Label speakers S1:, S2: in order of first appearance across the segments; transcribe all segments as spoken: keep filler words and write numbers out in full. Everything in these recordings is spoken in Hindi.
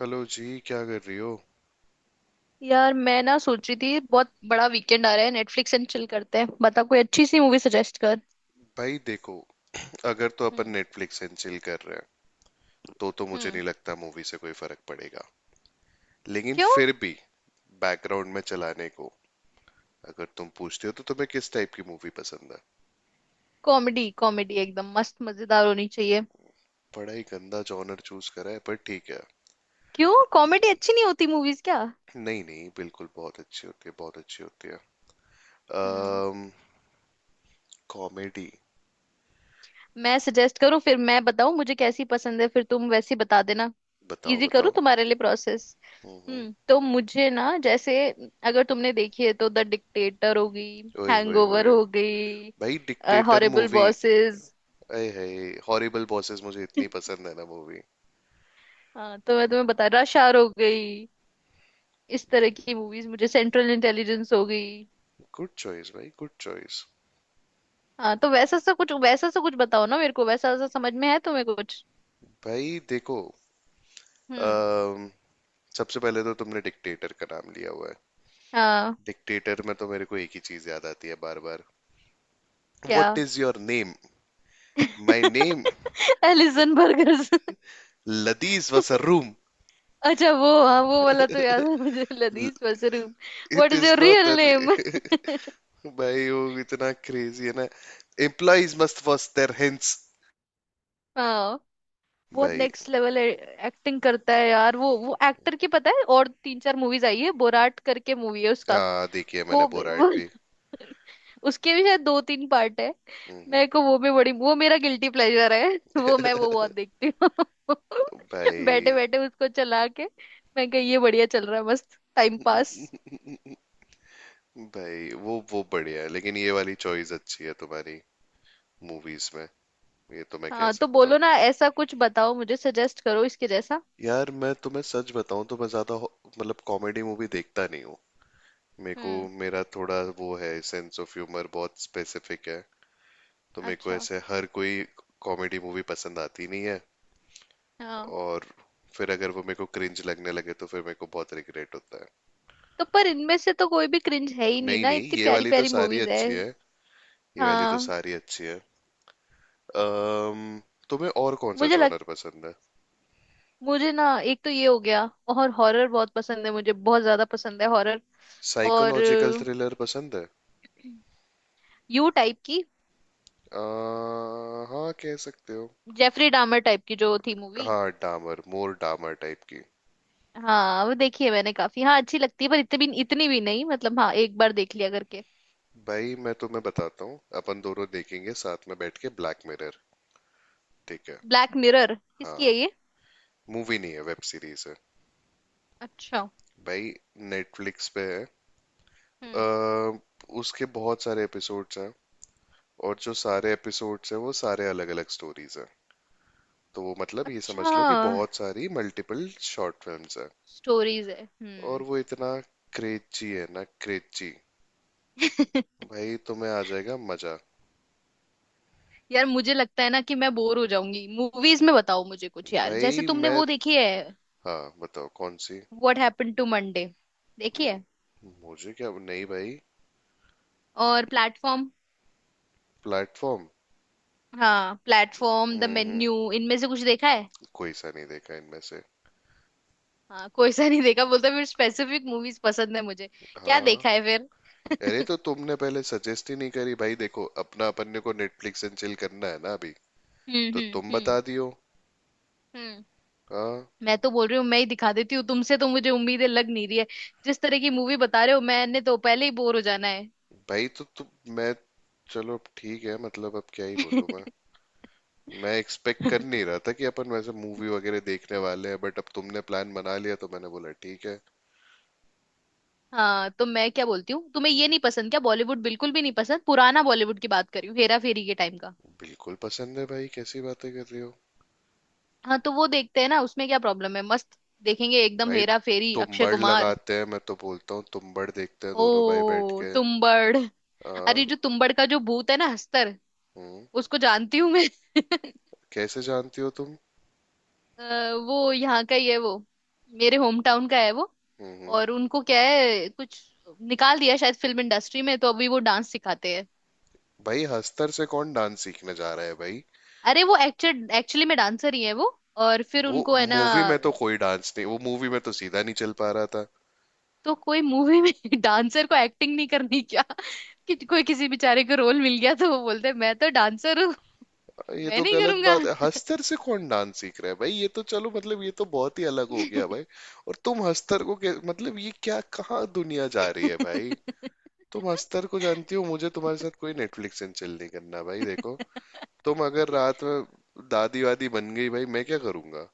S1: हेलो जी, क्या कर रही हो?
S2: यार, मैं ना सोच रही थी बहुत बड़ा वीकेंड आ रहा है। नेटफ्लिक्स एंड चिल करते हैं। बता कोई अच्छी सी मूवी सजेस्ट कर।
S1: भाई देखो। अगर तो अपन
S2: हम्म।
S1: नेटफ्लिक्स एंड चिल कर रहे हैं, तो तो मुझे
S2: हम्म।
S1: नहीं लगता मूवी से कोई फर्क पड़ेगा। लेकिन
S2: क्यों?
S1: फिर भी, बैकग्राउंड में चलाने को। अगर तुम पूछते हो तो, तुम्हें किस टाइप की मूवी पसंद है?
S2: कॉमेडी कॉमेडी एकदम मस्त मजेदार होनी चाहिए।
S1: बड़ा ही गंदा जॉनर चूज करा है, पर ठीक है।
S2: क्यों, कॉमेडी अच्छी नहीं होती मूवीज क्या?
S1: नहीं नहीं, बिल्कुल बहुत अच्छी होती है, बहुत अच्छी होती है।
S2: हम्म।
S1: अम्म कॉमेडी।
S2: मैं सजेस्ट करूँ फिर? मैं बताऊँ मुझे कैसी पसंद है, फिर तुम वैसी बता देना।
S1: बताओ
S2: इजी करूँ
S1: बताओ।
S2: तुम्हारे लिए प्रोसेस।
S1: हम्म हम्म।
S2: हम्म तो मुझे ना, जैसे, अगर तुमने देखी है, तो द डिक्टेटर हो गई,
S1: ओए होए
S2: हैंगओवर
S1: होए।
S2: हो गई,
S1: भाई, डिक्टेटर
S2: हॉरिबल
S1: मूवी।
S2: बॉसेस।
S1: अय है। हॉरिबल बॉसेस मुझे इतनी पसंद है ना मूवी।
S2: हाँ तो मैं तुम्हें बता, रश आवर हो गई, इस तरह की मूवीज मुझे, सेंट्रल इंटेलिजेंस हो गई।
S1: गुड चॉइस भाई, गुड चॉइस।
S2: हाँ तो वैसा सा कुछ, वैसा सा कुछ बताओ ना मेरे को। वैसा सा समझ में है तुम्हें कुछ?
S1: भाई देखो।
S2: हम्म।
S1: अम, सबसे पहले तो तुमने डिक्टेटर का नाम लिया हुआ है।
S2: हाँ।
S1: डिक्टेटर में तो मेरे को एक ही चीज याद आती है बार बार।
S2: क्या?
S1: What is your name? My name.
S2: Allison burgers.
S1: लदीज was a room.
S2: अच्छा वो, हाँ, वो वाला तो याद है मुझे, ladies mushroom. What
S1: it
S2: is
S1: is
S2: your
S1: not.
S2: Real name?
S1: भाई वो इतना क्रेजी है ना। Employees must wash their hands.
S2: हाँ, बहुत
S1: भाई,
S2: नेक्स्ट लेवल एक्टिंग करता है यार वो वो एक्टर की पता है, और तीन चार मूवीज आई है, बोराट करके मूवी है उसका।
S1: हाँ देखिए मैंने
S2: वो,
S1: बोराइट
S2: भी-
S1: भी।
S2: उसके भी शायद दो तीन पार्ट है।
S1: हम्म।
S2: मेरे को वो भी बड़ी वो, मेरा गिल्टी प्लेजर है। वो मैं वो बहुत देखती हूँ। बैठे
S1: भाई।
S2: बैठे उसको चला के, मैं कही ये बढ़िया चल रहा है, मस्त टाइम पास।
S1: भाई, वो वो बढ़िया है लेकिन ये वाली चॉइस अच्छी है तुम्हारी। मूवीज में। ये तो मैं कह
S2: हाँ तो
S1: सकता
S2: बोलो
S1: हूँ।
S2: ना, ऐसा कुछ बताओ मुझे, सजेस्ट करो इसके जैसा।
S1: यार, मैं तुम्हें सच बताऊं तो मैं ज्यादा हो- मतलब कॉमेडी मूवी देखता नहीं हूँ। मेरे को।
S2: हम्म।
S1: मेरा थोड़ा वो है, सेंस ऑफ ह्यूमर बहुत स्पेसिफिक है। तो मेरे को
S2: अच्छा।
S1: ऐसे हर कोई कॉमेडी मूवी पसंद आती नहीं है।
S2: हाँ।
S1: और फिर अगर वो मेरे को क्रिंज लगने लगे, तो फिर मेरे को बहुत रिग्रेट होता है।
S2: तो पर इनमें से तो कोई भी क्रिंज है ही नहीं
S1: नहीं
S2: ना,
S1: नहीं,
S2: इतनी
S1: ये
S2: प्यारी
S1: वाली तो
S2: प्यारी
S1: सारी
S2: मूवीज है।
S1: अच्छी है। ये वाली तो
S2: हाँ।
S1: सारी अच्छी है। अम्म तुम्हें और कौन सा
S2: मुझे लग
S1: जॉनर पसंद है?
S2: मुझे ना एक तो ये हो गया, और हॉरर बहुत पसंद है मुझे, बहुत ज्यादा पसंद है हॉरर। और
S1: साइकोलॉजिकल थ्रिलर पसंद है।
S2: यू टाइप की,
S1: अ, हाँ कह सकते हो।
S2: जेफरी डामर टाइप की जो थी मूवी।
S1: हाँ, डामर मोर डामर टाइप की।
S2: हाँ वो देखी है मैंने काफी, हाँ अच्छी लगती है पर इतनी भी इतनी भी नहीं मतलब, हाँ एक बार देख लिया करके।
S1: भाई, मैं तुम्हें बताता हूँ, अपन दोनों देखेंगे साथ में बैठ के ब्लैक मिरर। ठीक है।
S2: ब्लैक मिरर किसकी
S1: हाँ।
S2: है ये?
S1: मूवी नहीं है, वेब सीरीज है।
S2: अच्छा।
S1: भाई। नेटफ्लिक्स पे है। अ,
S2: हम्म।
S1: उसके बहुत सारे एपिसोड्स हैं। और जो सारे एपिसोड्स हैं वो सारे अलग अलग स्टोरीज हैं। तो वो मतलब, ये समझ लो कि बहुत
S2: अच्छा।
S1: सारी मल्टीपल शॉर्ट फिल्म्स हैं।
S2: स्टोरीज है।
S1: और
S2: हम्म।
S1: वो इतना। क्रेची है ना क्रेची। भाई तुम्हें आ जाएगा मजा।
S2: यार मुझे लगता है ना कि मैं बोर हो जाऊंगी मूवीज में। बताओ मुझे कुछ यार, जैसे
S1: भाई
S2: तुमने
S1: मैं।
S2: वो देखी है,
S1: हाँ बताओ कौन सी।
S2: व्हाट हैपेंड टू मंडे, देखी है?
S1: मुझे क्या नहीं भाई।
S2: और प्लेटफॉर्म।
S1: प्लेटफॉर्म।
S2: हाँ, प्लेटफॉर्म, द
S1: हम्म।
S2: मेन्यू, इनमें से कुछ देखा है?
S1: कोई सा नहीं देखा इनमें से।
S2: हाँ कोई सा नहीं देखा बोलता, फिर स्पेसिफिक मूवीज पसंद है मुझे। क्या
S1: हाँ।
S2: देखा है फिर?
S1: अरे, तो तुमने पहले सजेस्ट ही नहीं करी। भाई देखो, अपना अपन ने को नेटफ्लिक्स एंड चिल करना है ना अभी।
S2: हम्म।
S1: तो
S2: हम्म।
S1: तुम
S2: हम्म।
S1: बता दियो।
S2: हम्म।
S1: हाँ।
S2: मैं तो बोल रही हूँ, मैं ही दिखा देती हूँ, तुमसे तो मुझे उम्मीदें लग नहीं रही है। जिस तरह की मूवी बता रहे हो, मैंने तो पहले ही बोर हो जाना है।
S1: भाई तो तुम। मैं। चलो अब ठीक है, मतलब अब क्या ही बोलूं मैं। मैं एक्सपेक्ट कर नहीं रहा था कि अपन वैसे मूवी वगैरह देखने वाले हैं, बट अब तुमने प्लान बना लिया तो मैंने बोला ठीक है।
S2: हाँ तो मैं क्या बोलती हूँ, तुम्हें ये नहीं पसंद क्या? बॉलीवुड बिल्कुल भी नहीं पसंद? पुराना बॉलीवुड की बात कर रही हूँ, हेरा फेरी के टाइम का।
S1: बिल्कुल पसंद है भाई, कैसी बातें कर रही हो?
S2: हाँ तो वो देखते हैं ना, उसमें क्या प्रॉब्लम है, मस्त देखेंगे एकदम,
S1: भाई,
S2: हेरा फेरी, अक्षय
S1: तुम्बाड़
S2: कुमार।
S1: लगाते हैं, मैं तो बोलता हूँ तुम्बाड़ देखते हैं दोनों भाई बैठ
S2: ओ
S1: के।
S2: तुम्बड़। अरे
S1: हाँ।
S2: जो तुम्बड़ का जो भूत है ना, हस्तर,
S1: हम्म।
S2: उसको जानती हूँ मैं।
S1: कैसे जानती हो तुम?
S2: अ, वो यहाँ का ही है वो, मेरे होम टाउन का है वो।
S1: हम्म हम्म।
S2: और उनको क्या है कुछ, निकाल दिया शायद फिल्म इंडस्ट्री में, तो अभी वो डांस सिखाते हैं।
S1: भाई, हस्तर से कौन डांस सीखने जा रहा है भाई?
S2: अरे वो एक्चुअल एक्चुअली में डांसर ही है वो। और फिर
S1: वो
S2: उनको है ना,
S1: मूवी में तो कोई डांस नहीं, वो मूवी में तो सीधा नहीं चल पा रहा था।
S2: तो कोई मूवी में। डांसर को एक्टिंग नहीं करनी क्या? कि कोई किसी बेचारे को रोल मिल गया तो वो बोलते हैं मैं तो डांसर हूँ,
S1: ये
S2: मैं
S1: तो
S2: नहीं
S1: गलत
S2: करूंगा।
S1: बात है। हस्तर से कौन डांस सीख रहा है भाई? ये तो चलो, मतलब ये तो बहुत ही अलग हो गया भाई। और तुम हस्तर को कै- मतलब ये क्या, कहाँ दुनिया जा रही है भाई? तुम हस्तर को जानती हो, मुझे तुम्हारे साथ कोई नेटफ्लिक्स एंड चिल नहीं करना। भाई देखो, तुम अगर रात में दादी वादी बन गई भाई, मैं क्या करूंगा?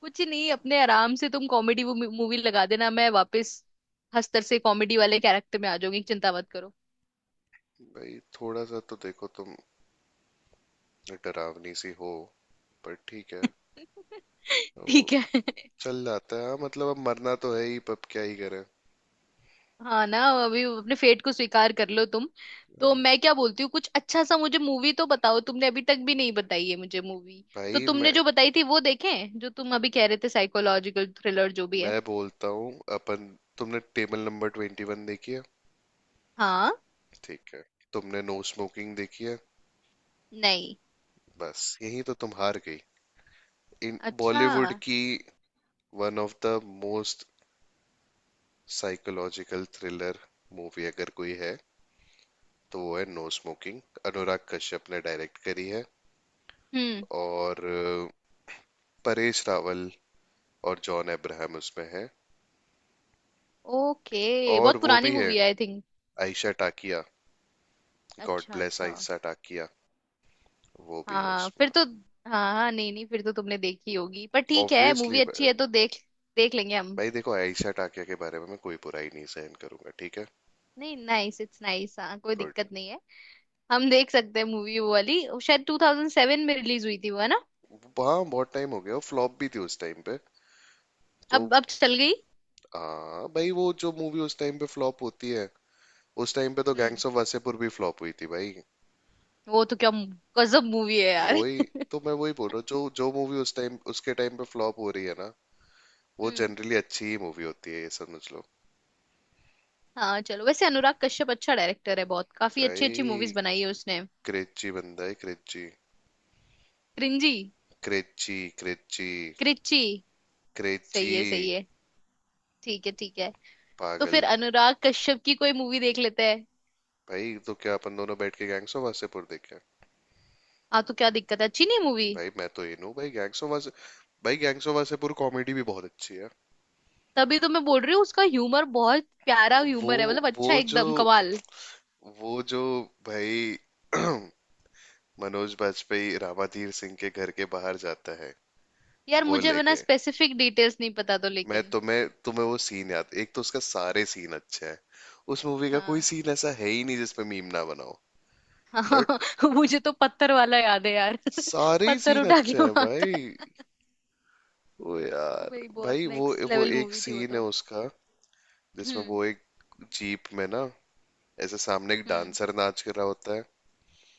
S2: कुछ नहीं, अपने आराम से तुम कॉमेडी मूवी लगा देना, मैं वापस हस्तर से कॉमेडी वाले कैरेक्टर में आ जाऊंगी, चिंता मत करो।
S1: भाई थोड़ा सा तो देखो तुम। डरावनी सी हो। पर ठीक है। वो।
S2: ठीक है।
S1: चल जाता है हाँ, मतलब अब मरना तो है ही, पर अब क्या ही करें।
S2: हाँ ना। अभी अपने फेट को स्वीकार कर लो तुम। तो मैं क्या बोलती हूँ कुछ अच्छा सा, मुझे मूवी तो बताओ, तुमने अभी तक भी नहीं बताई है मुझे मूवी। तो
S1: भाई मैं।
S2: तुमने जो बताई थी वो देखें, जो तुम अभी कह रहे थे, साइकोलॉजिकल थ्रिलर जो भी है।
S1: मैं बोलता हूँ। अपन। तुमने टेबल नंबर ट्वेंटी वन देखी है?
S2: हाँ।
S1: ठीक है। तुमने नो स्मोकिंग देखी है?
S2: नहीं।
S1: बस यही तो तुम हार गई। इन
S2: अच्छा।
S1: बॉलीवुड की। One of the most, psychological thriller, movie अगर कोई है, तो वो है नो स्मोकिंग। अनुराग कश्यप ने डायरेक्ट करी है।
S2: हम्म।
S1: और अ, परेश रावल, और जॉन अब्राहम उसमें है।
S2: ओके,
S1: और
S2: बहुत
S1: वो
S2: पुरानी
S1: भी है,
S2: मूवी है I think.
S1: Ayesha Takia. God
S2: अच्छा
S1: ब्लेस
S2: अच्छा।
S1: आयशा टाकिया। वो भी है
S2: हाँ
S1: उसमें।
S2: फिर तो, हाँ हाँ, नहीं नहीं, फिर तो तुमने देखी होगी, पर ठीक है,
S1: ऑब्वियसली
S2: मूवी अच्छी
S1: भाई।
S2: है तो देख, देख लेंगे हम।
S1: देखो, आयशा टाकिया के बारे में मैं कोई बुराई नहीं सहन करूंगा, ठीक है?
S2: नहीं, नाइस, इट्स नाइस, हाँ कोई
S1: गुड।
S2: दिक्कत नहीं है। हम देख सकते हैं मूवी, वो वाली वो शायद टू थाउज़ेंड सेवन में रिलीज हुई थी वो, है ना?
S1: वहाँ बहुत टाइम हो गया, फ्लॉप भी थी उस टाइम पे। तो।
S2: अब अब चल गई।
S1: हाँ भाई, वो जो मूवी उस टाइम पे फ्लॉप होती है, उस टाइम पे तो
S2: हम्म।
S1: गैंग्स ऑफ वासेपुर भी फ्लॉप हुई थी भाई।
S2: वो तो क्या मु- गजब मूवी है यार।
S1: वही। तो मैं वही बोल रहा हूँ, जो जो मूवी उस टाइम उसके टाइम पे फ्लॉप हो रही है ना, वो
S2: हम्म।
S1: जनरली अच्छी ही मूवी होती है, ये समझ लो।
S2: हाँ चलो, वैसे अनुराग कश्यप अच्छा डायरेक्टर है, बहुत काफी अच्छी अच्छी
S1: भाई
S2: मूवीज बनाई है उसने।
S1: क्रेची बंदा है, क्रेची।
S2: क्रिंजी।
S1: क्रेची क्रेची।
S2: क्रिची।
S1: क्रेची।
S2: सही है सही है। ठीक है ठीक है। तो
S1: पागल।
S2: फिर अनुराग कश्यप की कोई मूवी देख लेते हैं।
S1: भाई, तो क्या अपन दोनों बैठ के गैंग्स ऑफ वासेपुर देखे हैं?
S2: हाँ तो क्या दिक्कत है, अच्छी नहीं मूवी?
S1: भाई मैं तो ये हूँ भाई, गैंग्स ऑफ वासे। भाई, गैंग्स ऑफ वासेपुर कॉमेडी भी बहुत अच्छी है।
S2: तभी तो मैं बोल रही हूँ, उसका ह्यूमर बहुत प्यारा
S1: वो।
S2: ह्यूमर है मतलब,
S1: वो
S2: अच्छा
S1: जो।
S2: एकदम कमाल।
S1: वो जो। भाई। मनोज बाजपेयी रामाधीर सिंह के घर के बाहर जाता है।
S2: यार
S1: वो
S2: मुझे बिना
S1: लेके।
S2: स्पेसिफिक डिटेल्स नहीं पता तो,
S1: मैं
S2: लेकिन
S1: तुम्हें तुम्हें वो सीन याद, एक तो उसका सारे सीन अच्छे हैं। उस मूवी का कोई
S2: हाँ
S1: सीन ऐसा है ही नहीं जिसपे मीम ना बनाओ।
S2: हाँ।
S1: बट।
S2: मुझे तो पत्थर वाला याद है यार,
S1: सारे ही
S2: पत्थर
S1: सीन
S2: उठा के
S1: अच्छे हैं
S2: उड़ाता
S1: भाई।
S2: है।
S1: ओ
S2: वो
S1: यार।
S2: भाई बहुत
S1: भाई वो
S2: नेक्स्ट
S1: वो
S2: लेवल
S1: एक
S2: मूवी थी वो
S1: सीन है
S2: तो।
S1: उसका, जिसमें
S2: हम्म।
S1: वो एक, जीप में ना, ऐसे सामने एक
S2: हम्म।
S1: डांसर नाच कर रहा होता है।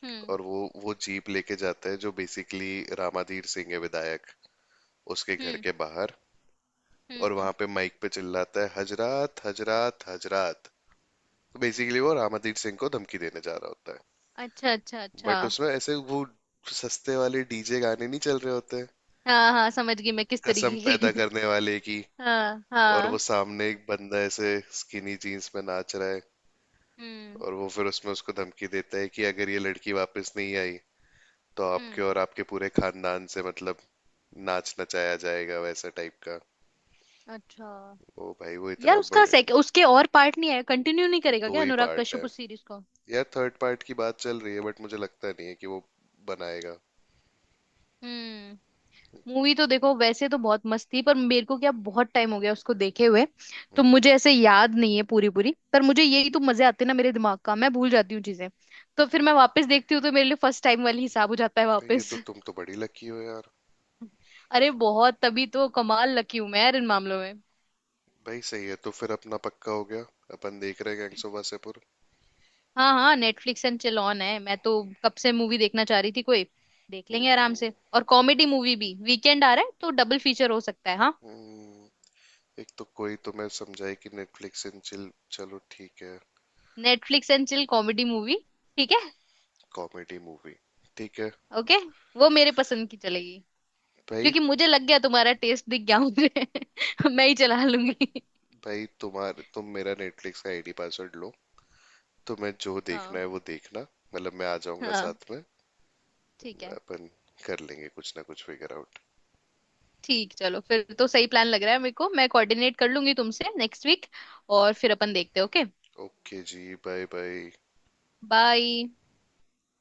S2: हम्म।
S1: और वो। वो जीप लेके जाता है, जो बेसिकली, रामाधीर सिंह है विधायक, उसके घर
S2: हम्म।
S1: के बाहर। और
S2: हम्म।
S1: वहां पे माइक पे चिल्लाता है, हजरात हजरात हजरात। तो बेसिकली वो रामाधीर सिंह को धमकी देने जा रहा होता है।
S2: अच्छा अच्छा अच्छा।
S1: बट उसमें ऐसे वो, सस्ते वाले डी जे गाने नहीं चल रहे होते,
S2: हाँ हाँ, समझ गई मैं किस
S1: कसम
S2: तरीके
S1: पैदा
S2: के।
S1: करने वाले की।
S2: हाँ
S1: और वो
S2: हाँ।
S1: सामने एक बंदा ऐसे स्किनी जीन्स में नाच रहा है।
S2: हम्म।
S1: और वो फिर उसमें उसको धमकी देता है कि अगर ये लड़की वापस नहीं आई, तो आपके
S2: हम्म।
S1: और आपके पूरे खानदान से, मतलब, नाच नचाया जाएगा वैसा टाइप का।
S2: अच्छा।
S1: ओ भाई वो
S2: यार
S1: इतना
S2: उसका
S1: बड़े।
S2: सेक उसके और पार्ट नहीं आया? कंटिन्यू नहीं करेगा
S1: दो
S2: क्या
S1: ही
S2: अनुराग
S1: पार्ट है।
S2: कश्यप उस सीरीज को?
S1: यार, थर्ड पार्ट की बात चल रही है, बट मुझे लगता नहीं है कि वो बनाएगा।
S2: हम्म। मूवी तो देखो वैसे तो बहुत मस्त थी, पर मेरे को क्या, बहुत टाइम हो गया उसको देखे हुए। तो
S1: हम्म।
S2: मुझे ऐसे याद नहीं है पूरी पूरी, पर मुझे यही तो मजे आते हैं ना मेरे दिमाग का, मैं भूल जाती हूँ चीजें। तो फिर मैं वापस देखती हूँ तो मेरे लिए फर्स्ट टाइम वाली हिसाब हो जाता है
S1: भाई, ये
S2: वापस।
S1: तो तुम तो बड़ी लकी हो यार।
S2: अरे बहुत, तभी तो कमाल लकी हूँ मैं यार इन मामलों में।
S1: भाई सही है, तो फिर अपना पक्का हो गया। अपन देख रहे हैं गैंग्स ऑफ वासेपुर।
S2: हाँ हाँ, नेटफ्लिक्स एंड चिल ऑन है मैं तो, कब से मूवी देखना चाह रही थी कोई। देख लेंगे आराम से,
S1: हम्म।
S2: और कॉमेडी मूवी भी, वीकेंड आ रहा है तो डबल फीचर हो सकता है, हाँ।
S1: हम्म। एक तो कोई तो मैं समझाई कि नेटफ्लिक्स एंड चिल। चलो ठीक है।
S2: Netflix and chill comedy movie. ठीक है।
S1: Comedy movie. ठीक है।
S2: ओके। वो मेरे पसंद की चलेगी,
S1: भाई।
S2: क्योंकि मुझे लग गया, तुम्हारा टेस्ट दिख गया मुझे। मैं ही चला लूंगी।
S1: भाई तुम्हारे तुम मेरा नेटफ्लिक्स का आई डी पासवर्ड लो। तुम्हें जो देखना
S2: हाँ।
S1: है वो देखना। मतलब, मैं आ जाऊंगा
S2: हाँ।
S1: साथ में।
S2: ठीक है।
S1: अपन। कर लेंगे कुछ ना कुछ फिगर आउट।
S2: ठीक, चलो फिर तो सही प्लान लग रहा है मेरे को, मैं कोऑर्डिनेट कर लूंगी तुमसे नेक्स्ट वीक, और फिर अपन देखते हैं। ओके।
S1: ओके जी, बाय बाय।
S2: बाय।